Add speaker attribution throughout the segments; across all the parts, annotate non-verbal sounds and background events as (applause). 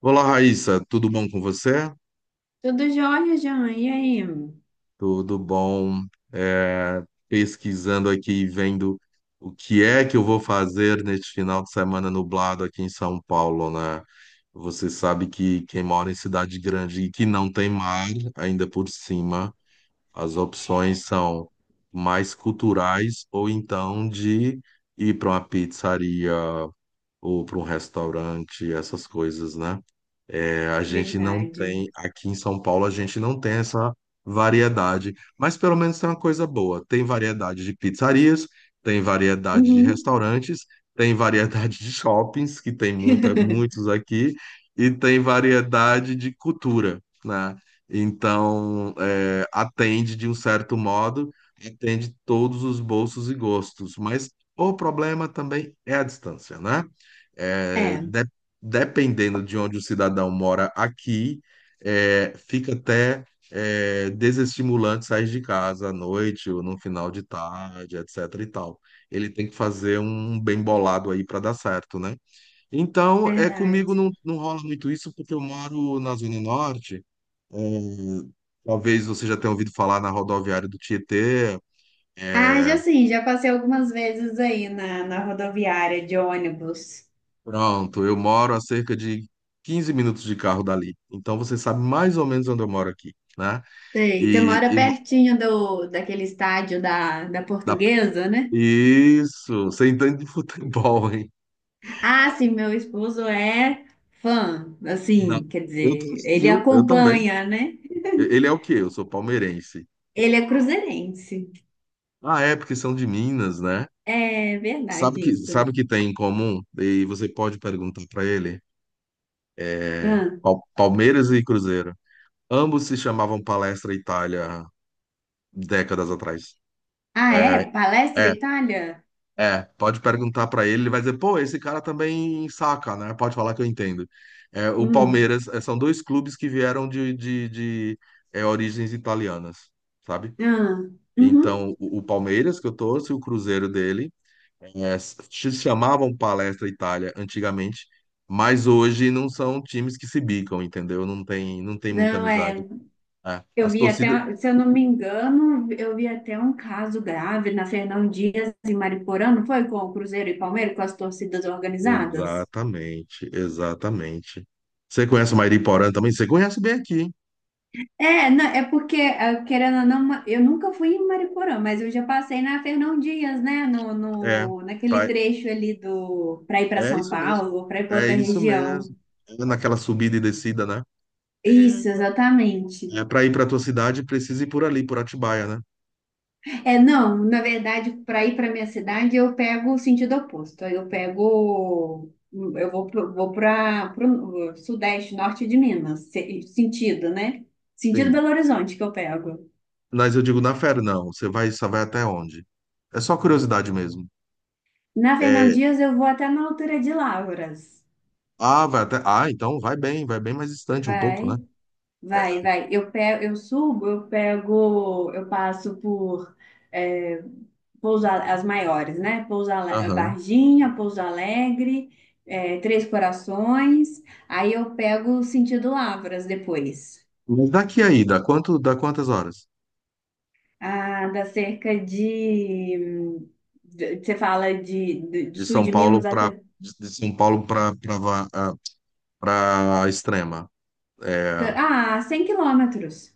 Speaker 1: Olá, Raíssa, tudo bom com você?
Speaker 2: Tudo jóia, Jean. E aí?
Speaker 1: Tudo bom? É, Pesquisando aqui e vendo o que é que eu vou fazer neste final de semana nublado aqui em São Paulo, né? Você sabe que quem mora em cidade grande e que não tem mar, ainda por cima, as opções são mais culturais ou então de ir para uma pizzaria ou para um restaurante, essas coisas, né? É, a gente não
Speaker 2: Verdade.
Speaker 1: tem, aqui em São Paulo, a gente não tem essa variedade, mas pelo menos tem uma coisa boa: tem variedade de pizzarias, tem variedade de
Speaker 2: Uhum.
Speaker 1: restaurantes, tem variedade de shoppings, que tem muita,
Speaker 2: (laughs)
Speaker 1: muitos aqui, e tem variedade de cultura, né? Então, é, atende de um certo modo, atende todos os bolsos e gostos, mas o problema também é a distância, né? É,
Speaker 2: É,
Speaker 1: dependendo de onde o cidadão mora aqui, é, fica até desestimulante sair de casa à noite ou no final de tarde, etc. e tal. Ele tem que fazer um bem bolado aí para dar certo, né? Então, é, comigo
Speaker 2: verdade.
Speaker 1: não, não rola muito isso porque eu moro na Zona Norte. É, talvez você já tenha ouvido falar na rodoviária do Tietê.
Speaker 2: Ah,
Speaker 1: É,
Speaker 2: já sim, já passei algumas vezes aí na rodoviária de ônibus.
Speaker 1: pronto, eu moro a cerca de 15 minutos de carro dali. Então você sabe mais ou menos onde eu moro aqui, né?
Speaker 2: Sei, você
Speaker 1: E,
Speaker 2: mora
Speaker 1: e mo-
Speaker 2: pertinho daquele estádio da
Speaker 1: da-
Speaker 2: Portuguesa, né?
Speaker 1: isso, você entende de futebol, hein?
Speaker 2: Ah, sim, meu esposo é fã,
Speaker 1: Da-
Speaker 2: assim, quer
Speaker 1: eu, t-
Speaker 2: dizer, ele
Speaker 1: Viu? Eu também.
Speaker 2: acompanha, né?
Speaker 1: Ele é o quê? Eu sou palmeirense.
Speaker 2: Ele é cruzeirense.
Speaker 1: Ah, é, porque são de Minas, né?
Speaker 2: É verdade isso.
Speaker 1: Sabe que tem em comum? E você pode perguntar para ele.
Speaker 2: Ah,
Speaker 1: Palmeiras e Cruzeiro. Ambos se chamavam Palestra Itália décadas atrás.
Speaker 2: ah,
Speaker 1: É.
Speaker 2: é? Palestra
Speaker 1: É.
Speaker 2: Itália?
Speaker 1: É, pode perguntar pra ele, ele vai dizer, pô, esse cara também saca, né? Pode falar que eu entendo. É, o
Speaker 2: Hum.
Speaker 1: Palmeiras, é, são dois clubes que vieram origens italianas, sabe?
Speaker 2: Ah, uhum.
Speaker 1: Então, o Palmeiras, que eu torço, e o Cruzeiro dele, é, se chamavam Palestra Itália antigamente, mas hoje não são times que se bicam, entendeu? Não tem, não tem muita
Speaker 2: Não,
Speaker 1: amizade.
Speaker 2: é.
Speaker 1: É,
Speaker 2: Eu
Speaker 1: as
Speaker 2: vi
Speaker 1: torcidas.
Speaker 2: até, se eu não me engano, eu vi até um caso grave na Fernão Dias e Mariporã, não foi? Com o Cruzeiro e Palmeiras, com as torcidas organizadas?
Speaker 1: Exatamente, exatamente. Você conhece o Mairi Porã também? Você conhece bem aqui.
Speaker 2: É, não, é porque, ah, querendo ou não, eu nunca fui em Mariporã, mas eu já passei na Fernão Dias, né? No,
Speaker 1: É,
Speaker 2: no, naquele
Speaker 1: pai,
Speaker 2: trecho ali do, para ir para
Speaker 1: é
Speaker 2: São
Speaker 1: isso mesmo.
Speaker 2: Paulo ou para ir para
Speaker 1: É
Speaker 2: outra
Speaker 1: isso
Speaker 2: região.
Speaker 1: mesmo. É naquela subida e descida, né?
Speaker 2: Isso,
Speaker 1: É,
Speaker 2: exatamente.
Speaker 1: é para ir para tua cidade, precisa ir por ali, por Atibaia, né?
Speaker 2: É, não, na verdade, para ir para minha cidade, eu pego o sentido oposto. Eu vou vou para o sudeste, norte de Minas, sentido, né? Sentido
Speaker 1: Sim.
Speaker 2: Belo Horizonte que eu pego.
Speaker 1: Mas eu digo, na fera, não. Você vai, só vai até onde? É só curiosidade mesmo.
Speaker 2: Na Fernão
Speaker 1: É,
Speaker 2: Dias, eu vou até na altura de Lavras.
Speaker 1: ah, vai até. Ah, então vai bem mais distante um pouco, né?
Speaker 2: Vai.
Speaker 1: É.
Speaker 2: Vai. Eu subo, eu passo por é, as maiores, né?
Speaker 1: Aham.
Speaker 2: Varginha, Pouso Alegre, Três Corações. Aí eu pego o sentido Lavras depois.
Speaker 1: Mas daqui aí, dá quanto, dá quantas horas?
Speaker 2: Ah, dá cerca de, você fala do
Speaker 1: De
Speaker 2: sul
Speaker 1: São
Speaker 2: de
Speaker 1: Paulo
Speaker 2: Minas
Speaker 1: para
Speaker 2: até
Speaker 1: de São Paulo para para Extrema. É, ah,
Speaker 2: 100 quilômetros.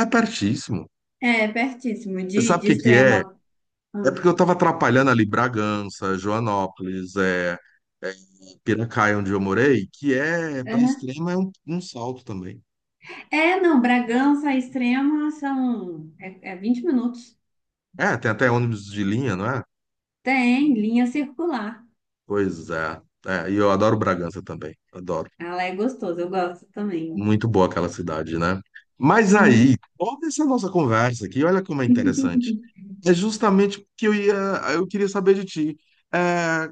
Speaker 1: é pertíssimo.
Speaker 2: É pertíssimo
Speaker 1: Sabe o
Speaker 2: de
Speaker 1: que que é?
Speaker 2: Extrema.
Speaker 1: É porque eu estava atrapalhando ali Bragança, Joanópolis, é, Piracaia, onde eu morei, que é, pra
Speaker 2: Ah,
Speaker 1: extrema, é um, um salto também.
Speaker 2: é, não, Bragança Extrema são é 20 minutos.
Speaker 1: É, tem até ônibus de linha, não é?
Speaker 2: Tem linha circular.
Speaker 1: Pois é. É, e eu adoro Bragança também, adoro.
Speaker 2: Ela é gostosa, eu gosto também.
Speaker 1: Muito boa aquela cidade, né? Mas aí,
Speaker 2: Hum.
Speaker 1: toda essa nossa conversa aqui, olha como é interessante. É justamente porque eu ia, eu queria saber de ti. É,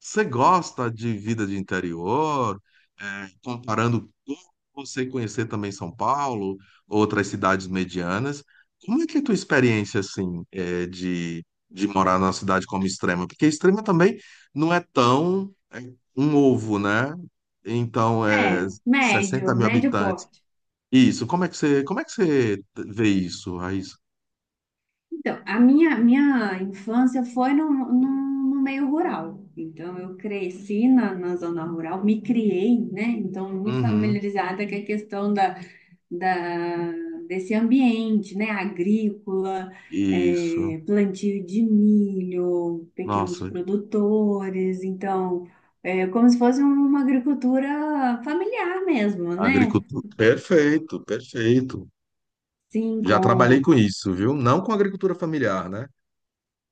Speaker 1: você gosta de vida de interior? É, comparando como você conhecer também São Paulo, outras cidades medianas, como é que é a tua experiência assim, é, de morar numa cidade como Extrema? Porque Extrema também não é tão, é, um ovo, né? Então é
Speaker 2: É,
Speaker 1: 60
Speaker 2: médio,
Speaker 1: mil
Speaker 2: médio
Speaker 1: habitantes.
Speaker 2: porte.
Speaker 1: Isso. Como é que você vê isso, Raíssa?
Speaker 2: Então, a minha infância foi no meio rural. Então, eu cresci na zona rural, me criei, né? Então, muito
Speaker 1: Uhum.
Speaker 2: familiarizada com a questão da desse ambiente, né? Agrícola,
Speaker 1: Isso.
Speaker 2: plantio de milho, pequenos
Speaker 1: Nossa,
Speaker 2: produtores, então é como se fosse uma agricultura familiar mesmo, né?
Speaker 1: agricultura. Perfeito, perfeito.
Speaker 2: Sim,
Speaker 1: Já trabalhei com
Speaker 2: com
Speaker 1: isso, viu? Não com agricultura familiar, né?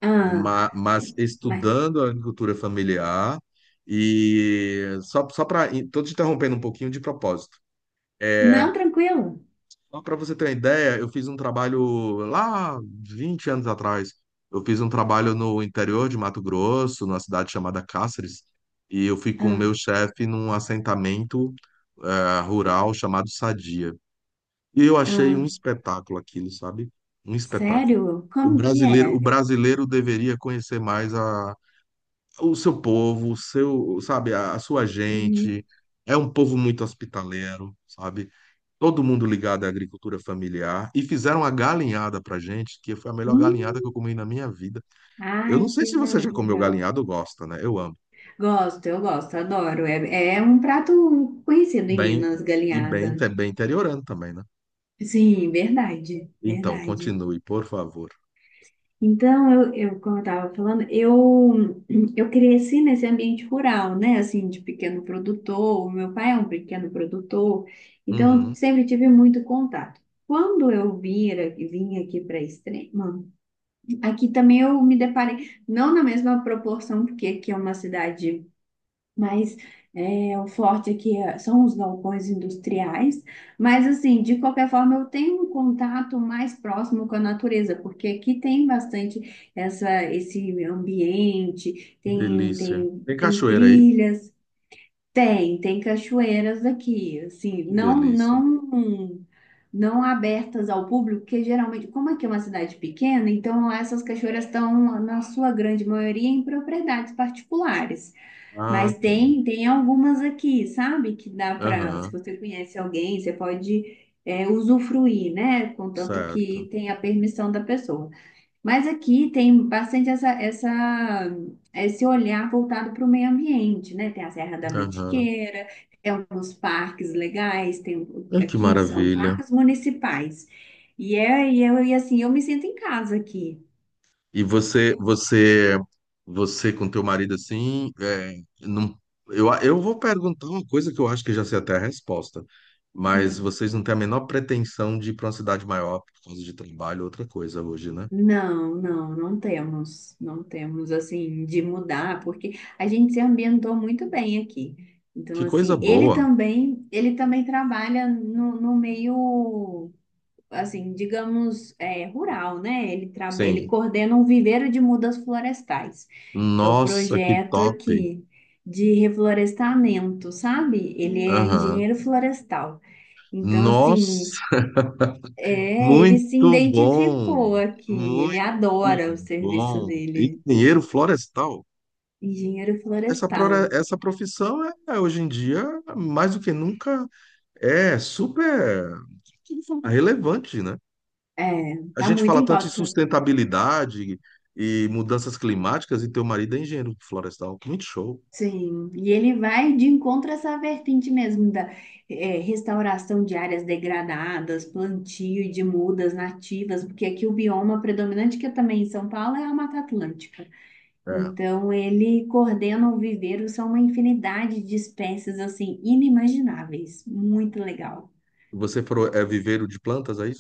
Speaker 2: ah,
Speaker 1: Mas,
Speaker 2: mas
Speaker 1: estudando a agricultura familiar e só, só para. Estou te interrompendo um pouquinho de propósito. É,
Speaker 2: não tranquilo.
Speaker 1: só para você ter uma ideia, eu fiz um trabalho lá 20 anos atrás. Eu fiz um trabalho no interior de Mato Grosso, numa cidade chamada Cáceres, e eu fui com o
Speaker 2: Ah,
Speaker 1: meu chefe num assentamento, rural, chamado Sadia. E eu achei um
Speaker 2: ah,
Speaker 1: espetáculo aquilo, sabe? Um espetáculo.
Speaker 2: sério? Como que
Speaker 1: O
Speaker 2: é?
Speaker 1: brasileiro deveria conhecer mais o seu povo, o seu, sabe, a sua
Speaker 2: Uhum.
Speaker 1: gente. É um povo muito hospitaleiro, sabe? Todo mundo ligado à agricultura familiar. E fizeram uma galinhada pra gente, que foi a melhor
Speaker 2: Hum.
Speaker 1: galinhada que eu comi na minha vida. Eu
Speaker 2: Ai,
Speaker 1: não sei
Speaker 2: que
Speaker 1: se
Speaker 2: va-
Speaker 1: você já comeu
Speaker 2: legal.
Speaker 1: galinhada ou gosta, né? Eu amo.
Speaker 2: Gosto, eu gosto, adoro. É, é um prato conhecido em
Speaker 1: Bem,
Speaker 2: Minas,
Speaker 1: e bem,
Speaker 2: galinhada.
Speaker 1: é bem interiorano também, né?
Speaker 2: Sim, verdade,
Speaker 1: Então,
Speaker 2: verdade.
Speaker 1: continue, por favor.
Speaker 2: Então, eu como eu estava falando, (clears throat) eu cresci nesse ambiente rural, né? Assim, de pequeno produtor, o meu pai é um pequeno produtor, então eu
Speaker 1: Uhum,
Speaker 2: sempre tive muito contato. Quando vim aqui para Extrema, aqui também eu me deparei, não na mesma proporção, porque aqui é uma cidade mas é, o forte aqui são os galpões industriais. Mas, assim, de qualquer forma, eu tenho um contato mais próximo com a natureza, porque aqui tem bastante esse ambiente,
Speaker 1: que delícia. Tem
Speaker 2: tem
Speaker 1: cachoeira aí?
Speaker 2: trilhas, tem, tem cachoeiras aqui, assim,
Speaker 1: Que
Speaker 2: não,
Speaker 1: delícia.
Speaker 2: não. Não abertas ao público, porque geralmente, como aqui é uma cidade pequena, então lá essas cachoeiras estão, na sua grande maioria, em propriedades particulares.
Speaker 1: Ah,
Speaker 2: Mas
Speaker 1: tá.
Speaker 2: tem, tem algumas aqui, sabe? Que dá para, se
Speaker 1: Aham,
Speaker 2: você conhece alguém, você pode usufruir, né? Contanto
Speaker 1: certo.
Speaker 2: que tem a permissão da pessoa. Mas aqui tem bastante esse olhar voltado para o meio ambiente, né? Tem a Serra da
Speaker 1: Aham.
Speaker 2: Mantiqueira, tem alguns parques legais, tem,
Speaker 1: Ah, que
Speaker 2: aqui são
Speaker 1: maravilha.
Speaker 2: parques municipais. E assim, eu me sinto em casa aqui.
Speaker 1: E você, você, você com teu marido assim, é, não, eu vou perguntar uma coisa que eu acho que já sei até a resposta, mas vocês não têm a menor pretensão de ir para uma cidade maior por causa de trabalho, outra coisa hoje, né?
Speaker 2: Não, não temos, não temos assim de mudar, porque a gente se ambientou muito bem aqui. Então,
Speaker 1: Que coisa
Speaker 2: assim,
Speaker 1: boa.
Speaker 2: ele também trabalha no meio, assim, digamos, é, rural, né? Ele ele
Speaker 1: Sim.
Speaker 2: coordena um viveiro de mudas florestais, que é o
Speaker 1: Nossa, que
Speaker 2: projeto
Speaker 1: top.
Speaker 2: aqui de reflorestamento, sabe? Ele é
Speaker 1: Aham.
Speaker 2: engenheiro florestal. Então, assim,
Speaker 1: Nossa,
Speaker 2: é, ele se
Speaker 1: muito bom,
Speaker 2: identificou aqui,
Speaker 1: muito
Speaker 2: ele adora o serviço
Speaker 1: bom.
Speaker 2: dele,
Speaker 1: Engenheiro florestal.
Speaker 2: engenheiro
Speaker 1: Essa,
Speaker 2: florestal.
Speaker 1: essa profissão é, é, hoje em dia, mais do que nunca, é super relevante, né?
Speaker 2: É,
Speaker 1: A
Speaker 2: tá
Speaker 1: gente
Speaker 2: muito
Speaker 1: fala
Speaker 2: em
Speaker 1: tanto em
Speaker 2: pauta.
Speaker 1: sustentabilidade e mudanças climáticas, e teu marido é engenheiro florestal. Muito show.
Speaker 2: Sim, e ele vai de encontro a essa vertente mesmo da restauração de áreas degradadas, plantio de mudas nativas, porque aqui o bioma predominante, que é também em São Paulo, é a Mata Atlântica.
Speaker 1: É.
Speaker 2: Então, ele coordena o viveiro, são uma infinidade de espécies, assim, inimagináveis. Muito legal.
Speaker 1: É viveiro de plantas, aí?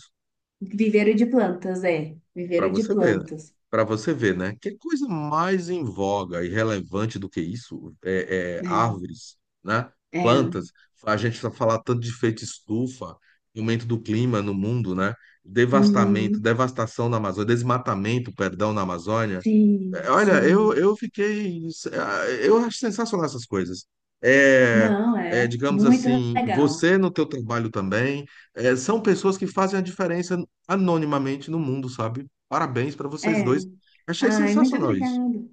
Speaker 2: Viveiro de plantas, é.
Speaker 1: Para
Speaker 2: Viveiro de
Speaker 1: você ver, né?
Speaker 2: plantas.
Speaker 1: Para você ver, né? Que coisa mais em voga e relevante do que isso? É, é árvores, né?
Speaker 2: É,
Speaker 1: Plantas.
Speaker 2: é.
Speaker 1: A gente só falar tanto de efeito estufa, aumento do clima no mundo, né? Devastamento,
Speaker 2: Uhum.
Speaker 1: devastação na Amazônia, desmatamento, perdão, na Amazônia.
Speaker 2: Sim,
Speaker 1: Olha,
Speaker 2: sim.
Speaker 1: eu fiquei. Eu acho sensacional essas coisas. É,
Speaker 2: Não, é.
Speaker 1: digamos
Speaker 2: Muito
Speaker 1: assim,
Speaker 2: legal.
Speaker 1: você no teu trabalho também, é, são pessoas que fazem a diferença anonimamente no mundo, sabe? Parabéns para vocês
Speaker 2: É.
Speaker 1: dois. Achei
Speaker 2: Ai, muito
Speaker 1: sensacional isso.
Speaker 2: obrigada.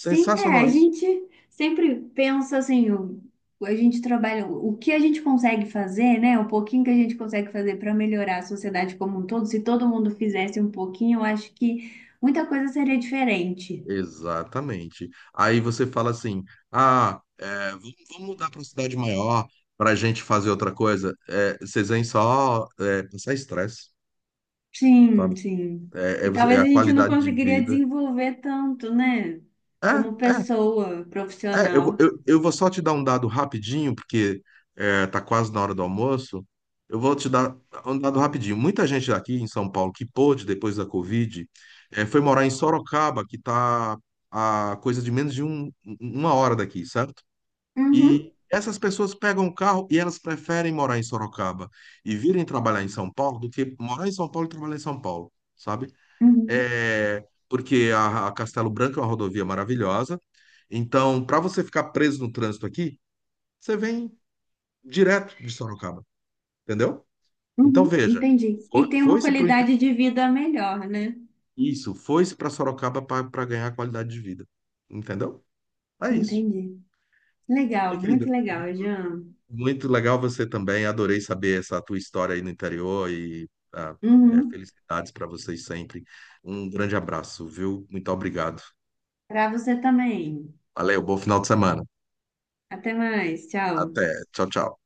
Speaker 2: Sim, é. A
Speaker 1: isso.
Speaker 2: gente sempre pensa assim, o, a gente trabalha, o que a gente consegue fazer, né? O pouquinho que a gente consegue fazer para melhorar a sociedade como um todo. Se todo mundo fizesse um pouquinho, eu acho que muita coisa seria diferente.
Speaker 1: Exatamente. Aí você fala assim: ah, é, vamos mudar para uma cidade maior para a gente fazer outra coisa. É, vocês vêm só, é, passar estresse,
Speaker 2: Sim,
Speaker 1: sabe?
Speaker 2: sim. E
Speaker 1: É
Speaker 2: talvez
Speaker 1: a
Speaker 2: a gente não
Speaker 1: qualidade de
Speaker 2: conseguiria
Speaker 1: vida.
Speaker 2: desenvolver tanto, né?
Speaker 1: É,
Speaker 2: Como
Speaker 1: é,
Speaker 2: pessoa
Speaker 1: é.
Speaker 2: profissional.
Speaker 1: Eu vou só te dar um dado rapidinho, porque é, tá quase na hora do almoço. Eu vou te dar um dado rapidinho. Muita gente aqui em São Paulo que pôde, depois da Covid, é, foi morar em Sorocaba, que tá a coisa de menos de uma hora daqui, certo? E
Speaker 2: Uhum,
Speaker 1: essas pessoas pegam o carro e elas preferem morar em Sorocaba e virem trabalhar em São Paulo do que morar em São Paulo e trabalhar em São Paulo, sabe?
Speaker 2: uhum,
Speaker 1: É, porque a Castelo Branco é uma rodovia maravilhosa. Então, para você ficar preso no trânsito aqui, você vem direto de Sorocaba, entendeu? Então,
Speaker 2: uhum,
Speaker 1: veja,
Speaker 2: entendi.
Speaker 1: foi,
Speaker 2: E tem uma
Speaker 1: foi-se pro,
Speaker 2: qualidade de vida melhor, né?
Speaker 1: isso, foi-se para Sorocaba para ganhar qualidade de vida, entendeu? É isso.
Speaker 2: Entendi.
Speaker 1: Minha
Speaker 2: Legal, muito
Speaker 1: querida,
Speaker 2: legal, Jean.
Speaker 1: muito legal você também. Adorei saber essa tua história aí no interior e, ah, é,
Speaker 2: Uhum.
Speaker 1: felicidades para vocês sempre. Um grande abraço, viu? Muito obrigado.
Speaker 2: Para você também.
Speaker 1: Valeu, bom final de semana.
Speaker 2: Até mais, tchau.
Speaker 1: Até. Tchau, tchau.